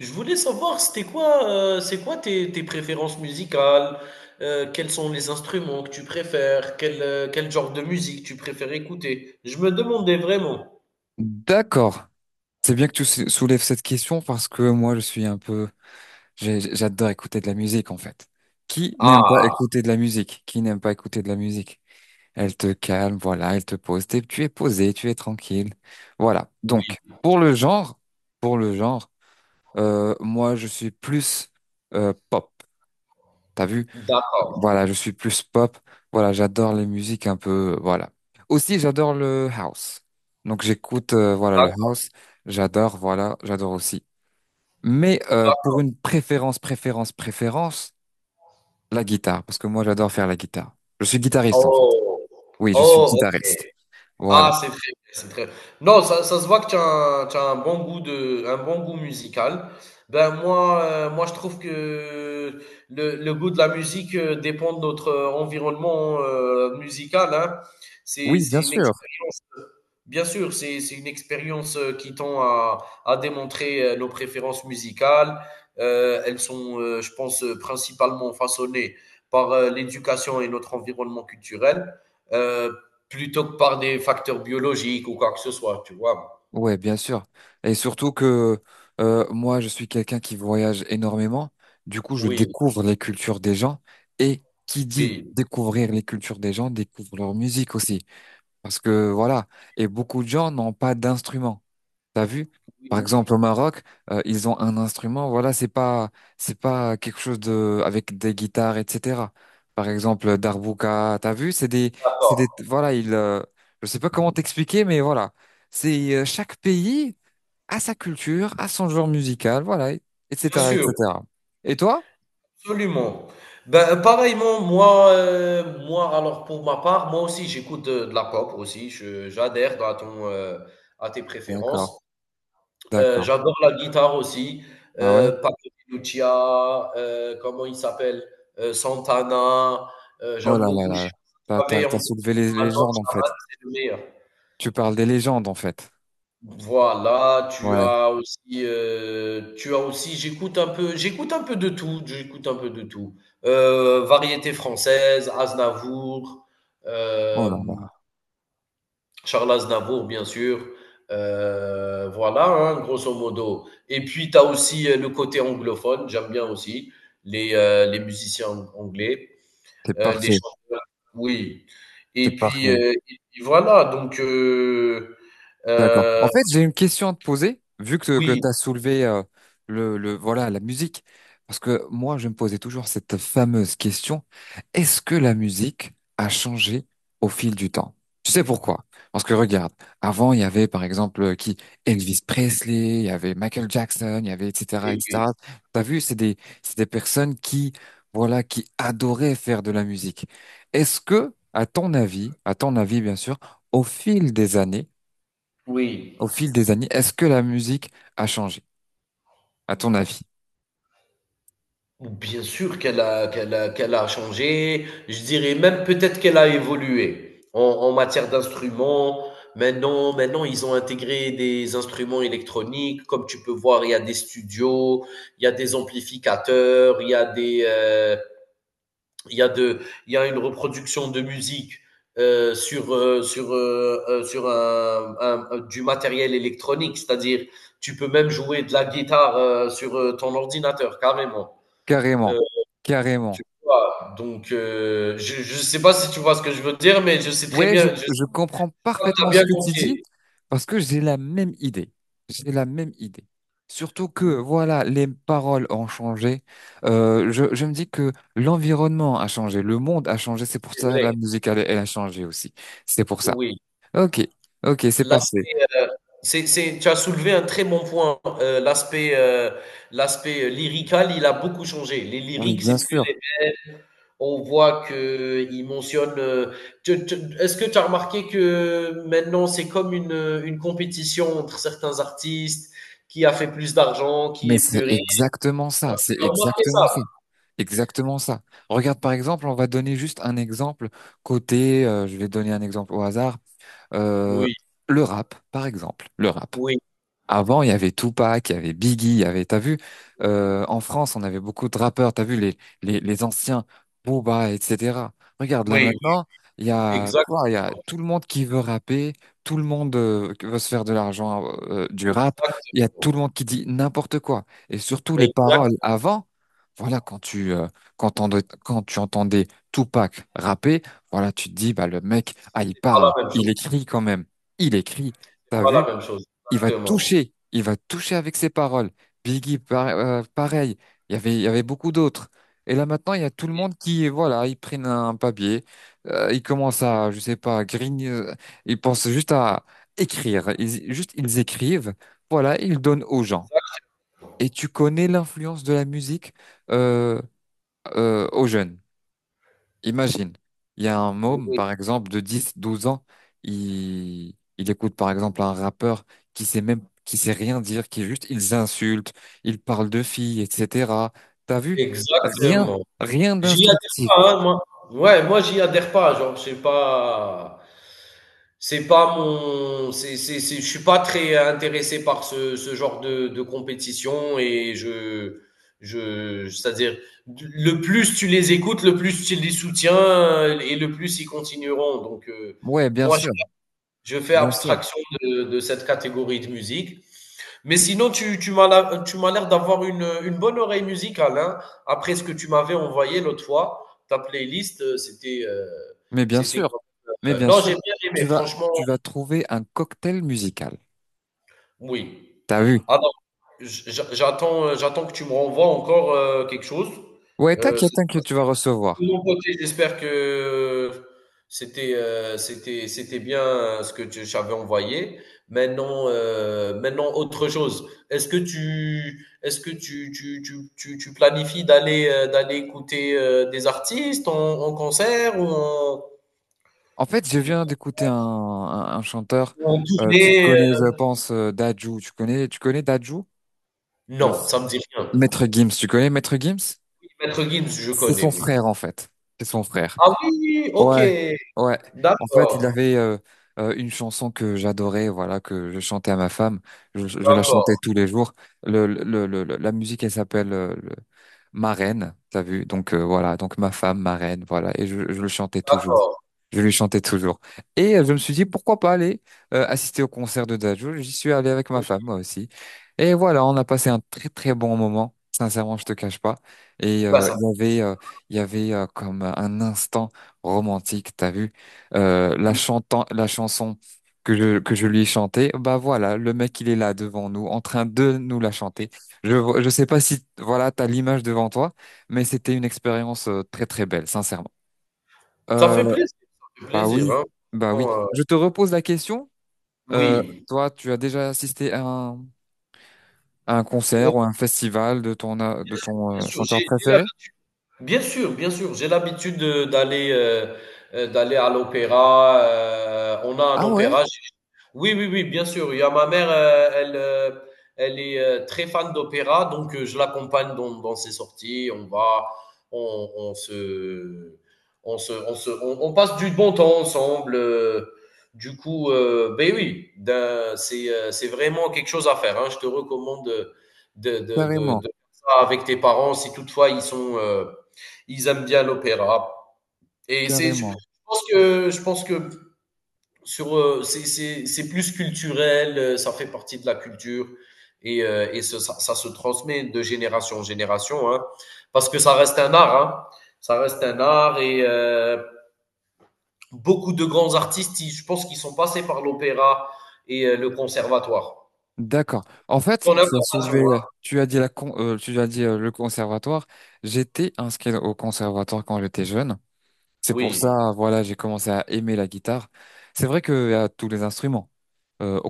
Je voulais savoir, c'était quoi, c'est quoi tes préférences musicales? Quels sont les instruments que tu préfères? Quel genre de musique tu préfères écouter? Je me demandais vraiment. D'accord. C'est bien que tu soulèves cette question parce que moi, je suis un peu, j'adore écouter de la musique, en fait. Qui n'aime pas Ah écouter de la musique? Qui n'aime pas écouter de la musique? Elle te calme, voilà, elle te pose. Tu es posé, tu es tranquille. Voilà. oui, Donc, pour le genre, moi, je suis plus pop. T'as vu? d'accord, Voilà, je suis plus pop. Voilà, j'adore les musiques un peu. Voilà. Aussi, j'adore le house. Donc, j'écoute, voilà, le d'accord. house. J'adore, voilà, j'adore aussi. Mais pour une préférence, la guitare, parce que moi, j'adore faire la guitare. Je suis guitariste, en fait. Oh, Oui, je suis oh. guitariste. Voilà. Ah, c'est très non, ça se voit que tu as un bon goût de un bon goût musical. Ben, moi, je trouve que le goût de la musique, dépend de notre, environnement, musical, hein. C'est Oui, c'est bien une sûr. expérience, bien sûr, c'est une expérience, qui tend à démontrer, nos préférences musicales. Elles sont, je pense, principalement façonnées par, l'éducation et notre environnement culturel. Heu Plutôt que par des facteurs biologiques ou quoi que ce soit, tu vois? Ouais, bien sûr. Et surtout que moi, je suis quelqu'un qui voyage énormément. Du coup, je Oui, découvre les cultures des gens. Et qui dit oui, découvrir les cultures des gens, découvre leur musique aussi. Parce que voilà. Et beaucoup de gens n'ont pas d'instruments. T'as vu? oui, Par exemple, au oui. Maroc, ils ont un instrument. Voilà, c'est pas quelque chose de avec des guitares, etc. Par exemple, Darbouka. T'as vu? C'est des, c'est D'accord, des. Voilà, il. Je sais pas comment t'expliquer, mais voilà. C'est chaque pays a sa culture, a son genre musical. Voilà, bien etc., sûr, etc. Et toi? absolument. Ben, pareillement, moi, alors, pour ma part, moi aussi, j'écoute, de la pop aussi, je j'adhère à ton, à tes D'accord, préférences. D'accord. J'adore la guitare aussi, Ah ouais? Paco de Lucia, comment il s'appelle? Santana, Oh là j'aime là beaucoup, je là. Là. sais pas si T'as, tu t'as, avais t'as entendu soulevé les son album légendes en fait. Shaman, c'est le meilleur. Tu parles des légendes en fait. Voilà. Ouais. Tu as aussi J'écoute un peu de tout. Variété française, Aznavour, Oh là là. hem, Charles Aznavour, bien sûr, voilà, hein, grosso modo, et puis tu as aussi, le côté anglophone, j'aime bien aussi les musiciens anglais, T'es les parfait. chanteurs, oui. T'es parfait. Et puis voilà, donc. D'accord. En heu, fait, j'ai une question à te poser, vu que tu oui, as soulevé le, voilà, la musique. Parce que moi, je me posais toujours cette fameuse question, est-ce que la musique a changé au fil du temps? Tu sais pourquoi? Parce que regarde, avant, il y avait par exemple qui? Elvis Presley, il y avait Michael Jackson, il y avait etc. oui, oui. etc. T'as vu, c'est des personnes qui, voilà, qui adoraient faire de la musique. Est-ce que, à ton avis, bien sûr, au fil des années, au Oui, fil des années, est-ce que la musique a changé, à ton avis? bien sûr qu'elle a changé. Je dirais même peut-être qu'elle a évolué en matière d'instruments. Maintenant, ils ont intégré des instruments électroniques. Comme tu peux voir, il y a des studios, il y a des amplificateurs, il y a des, il y a de il y a une reproduction de musique, sur du matériel électronique. C'est-à-dire, tu peux même jouer de la guitare, sur, ton ordinateur, carrément. Heu, Carrément, Tu carrément. vois? Donc, je ne sais pas si tu vois ce que je veux dire, mais je sais très Ouais, je, bien, je sais je comprends pas que tu as parfaitement ce bien que tu dis compris. parce que j'ai la même idée. J'ai la même idée. Surtout que, Mmh, voilà, les paroles ont changé. Je me dis que l'environnement a changé, le monde a changé. C'est pour c'est ça que vrai, la musique, elle, elle a changé aussi. C'est pour ça. oui. Ok, ok, c'est parfait. L'aspect, heu, c'est Tu as soulevé un très bon point, l'aspect, lyrical, il a beaucoup changé. Les Oui, lyriques, bien c'est plus les sûr. On voit que qu'ils mentionnent, tu tu est-ce que tu as remarqué que maintenant, c'est comme une compétition entre certains artistes, qui a fait plus d'argent, qui Mais est c'est plus riche? exactement ça, c'est Tu as remarqué exactement ça? ça, exactement ça. Regarde par exemple, on va donner juste un exemple côté, je vais donner un exemple au hasard, euh, Oui. le rap par exemple, le rap. Oui, Avant, il y avait Tupac, il y avait Biggie, il y avait, t'as vu, en France, on avait beaucoup de rappeurs, t'as vu les anciens Booba, etc. Regarde là oui, oui, maintenant, il y a exact, quoi? Il y a tout le monde qui veut rapper, tout le monde qui veut se faire de l'argent du rap. Il y a tout le monde exactement. qui dit n'importe quoi. Et surtout les Exact, paroles avant, voilà quand tu quand tu entendais Tupac rapper, voilà tu te dis bah le mec, ah il c'est pas parle, la même il chose, écrit quand même, il écrit. c'est T'as pas la vu? même chose, Il va exactement. toucher, il va toucher avec ses paroles. Biggie, pareil, il y avait beaucoup d'autres. Et là maintenant, il y a tout le Oui, monde qui, voilà, ils prennent un papier, ils commencent à, je sais pas, grigner, ils pensent juste à écrire, juste ils écrivent, voilà, ils donnent aux gens. Et tu connais l'influence de la musique euh, aux jeunes. Imagine, il y a un môme, oui, par exemple, de 10, 12 ans, il écoute, par exemple, un rappeur qui sait même, qui sait rien dire, qui juste, ils insultent, ils parlent de filles, etc. T'as vu? Rien, exactement. rien J'y adhère d'instructif. pas, hein, moi. Ouais, moi, j'y adhère pas, genre, je sais pas. C'est pas mon. Je suis pas très intéressé par ce genre de compétition Je, c'est-à-dire, le plus tu les écoutes, le plus tu les soutiens et le plus ils continueront. Donc, Ouais, bien moi, sûr, je fais bien sûr. abstraction de cette catégorie de musique. Mais sinon, tu m'as la- tu m'as l'air d'avoir une bonne oreille musicale, hein. Après ce que tu m'avais envoyé l'autre fois, ta playlist, Mais bien c'était sûr, comme- mais bien non, sûr, j'ai bien aimé, tu vas, franchement, tu vas trouver un cocktail musical. oui. T'as vu? Alors, j'attends que tu me renvoies encore, quelque chose. Ouais, Euh, t'inquiète, c'est- t'inquiète, tu vas recevoir. De mon côté, j'espère que c'était bien ce que tu j'avais envoyé. Maintenant, autre chose. Est-ce que tu planifies d'aller, écouter, des artistes en concert En fait, je viens d'écouter un chanteur, ou en tu le tournée, connais, je pense, Dadju. Tu connais Dadju? Le Non, ça me dit rien. Maître Gims, tu connais Maître Gims? Maître Gims, je C'est connais, son oui. frère, en fait. C'est son frère. Ah oui, OK. Ouais, ouais. En fait, il D'accord, avait une chanson que j'adorais, voilà, que je chantais à ma femme. Je la chantais d'accord, tous les jours. La musique, elle s'appelle Ma Reine, t'as vu? Donc voilà, donc ma femme, ma reine, voilà. Et je le chantais toujours. d'accord. Je lui chantais toujours. Et je me suis dit, pourquoi pas aller assister au concert de Dajo. J'y suis allé avec ma Oui, femme, moi aussi. Et voilà, on a passé un très très bon moment. Sincèrement, je te cache pas. Et bah, ça il y avait comme un instant romantique, t'as vu? Euh, la oui, chantant, la chanson que je lui ai chantée, bah voilà, le mec, il est là devant nous, en train de nous la chanter. Je sais pas si, voilà, t'as l'image devant toi, mais c'était une expérience très très belle, sincèrement. ça Euh, fait plaisir, ça fait Bah plaisir, oui, hein. bah oui. Franchement, Je te repose la question. Euh, oui, Toi, tu as déjà assisté à un concert heu, ou à un festival de ton, euh, de ton bien euh, sûr, chanteur j'ai préféré? l'habitude. Bien sûr, bien sûr. D'aller, d'aller à l'opéra. On a un Ah ouais, opéra. Oui, oui, oui, bien sûr. Il y a ma mère, elle est très fan d'opéra, donc je l'accompagne dans ses sorties. On va, on se, on se, on se, On passe du bon temps ensemble. Du coup, ben oui, c'est vraiment quelque chose à faire, hein. Je te recommande de carrément, faire ça avec tes parents, si toutefois ils sont ils aiment bien l'opéra. Je carrément. pense que, c'est plus culturel, ça fait partie de la culture, et ça se transmet de génération en génération, hein, parce que ça reste un art, hein. Ça reste un art et, beaucoup de grands artistes, je pense qu'ils sont passés par l'opéra et, le conservatoire. D'accord. En fait, Ton information, hein. Tu as dit le conservatoire. J'étais inscrit au conservatoire quand j'étais jeune. C'est pour Oui, ça, voilà, j'ai commencé à aimer la guitare. C'est vrai qu'il y a tous les instruments au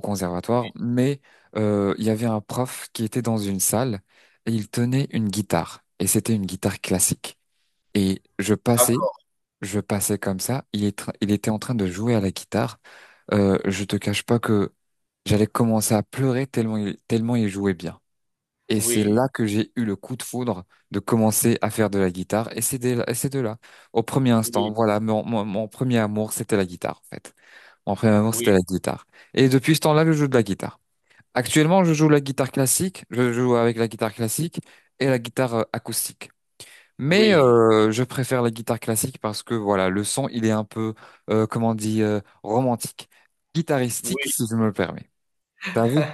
oui, conservatoire, mais il y avait un prof qui était dans une salle et il tenait une guitare. Et c'était une guitare classique. Et d'accord, je passais comme ça. Il était en train de jouer à la guitare. Je te cache pas que j'allais commencer à pleurer tellement il jouait bien. Et c'est oui, là que j'ai eu le coup de foudre de commencer à faire de la guitare. Et c'est dès là, et c'est de là. Au premier instant, oui, voilà, mon premier amour, c'était la guitare, en fait. Mon premier amour, oui, c'était la guitare. Et depuis ce temps-là, je joue de la guitare. Actuellement, je joue la guitare classique, je joue avec la guitare classique et la guitare acoustique. Mais oui, je préfère la guitare classique parce que voilà, le son, il est un peu, comment on dit, romantique, guitaristique, oui, si je me le permets. T'as vu?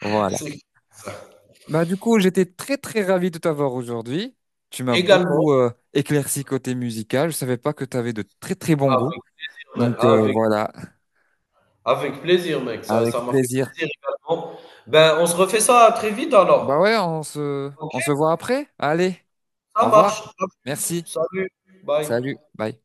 Voilà. c'est ça. Bah, du coup, j'étais très, très ravi de t'avoir aujourd'hui. Tu m'as Également beaucoup éclairci côté musical. Je savais pas que tu avais de très, très bons goûts. avec Mais Donc avec voilà, Avec plaisir, mec. Ça avec ça m'a fait plaisir. plaisir également. Ben, on se refait ça très vite Bah ouais, alors. on se, OK? on se voit après. Allez, Ça au revoir. marche. Merci. Salut. Bye. Salut, bye.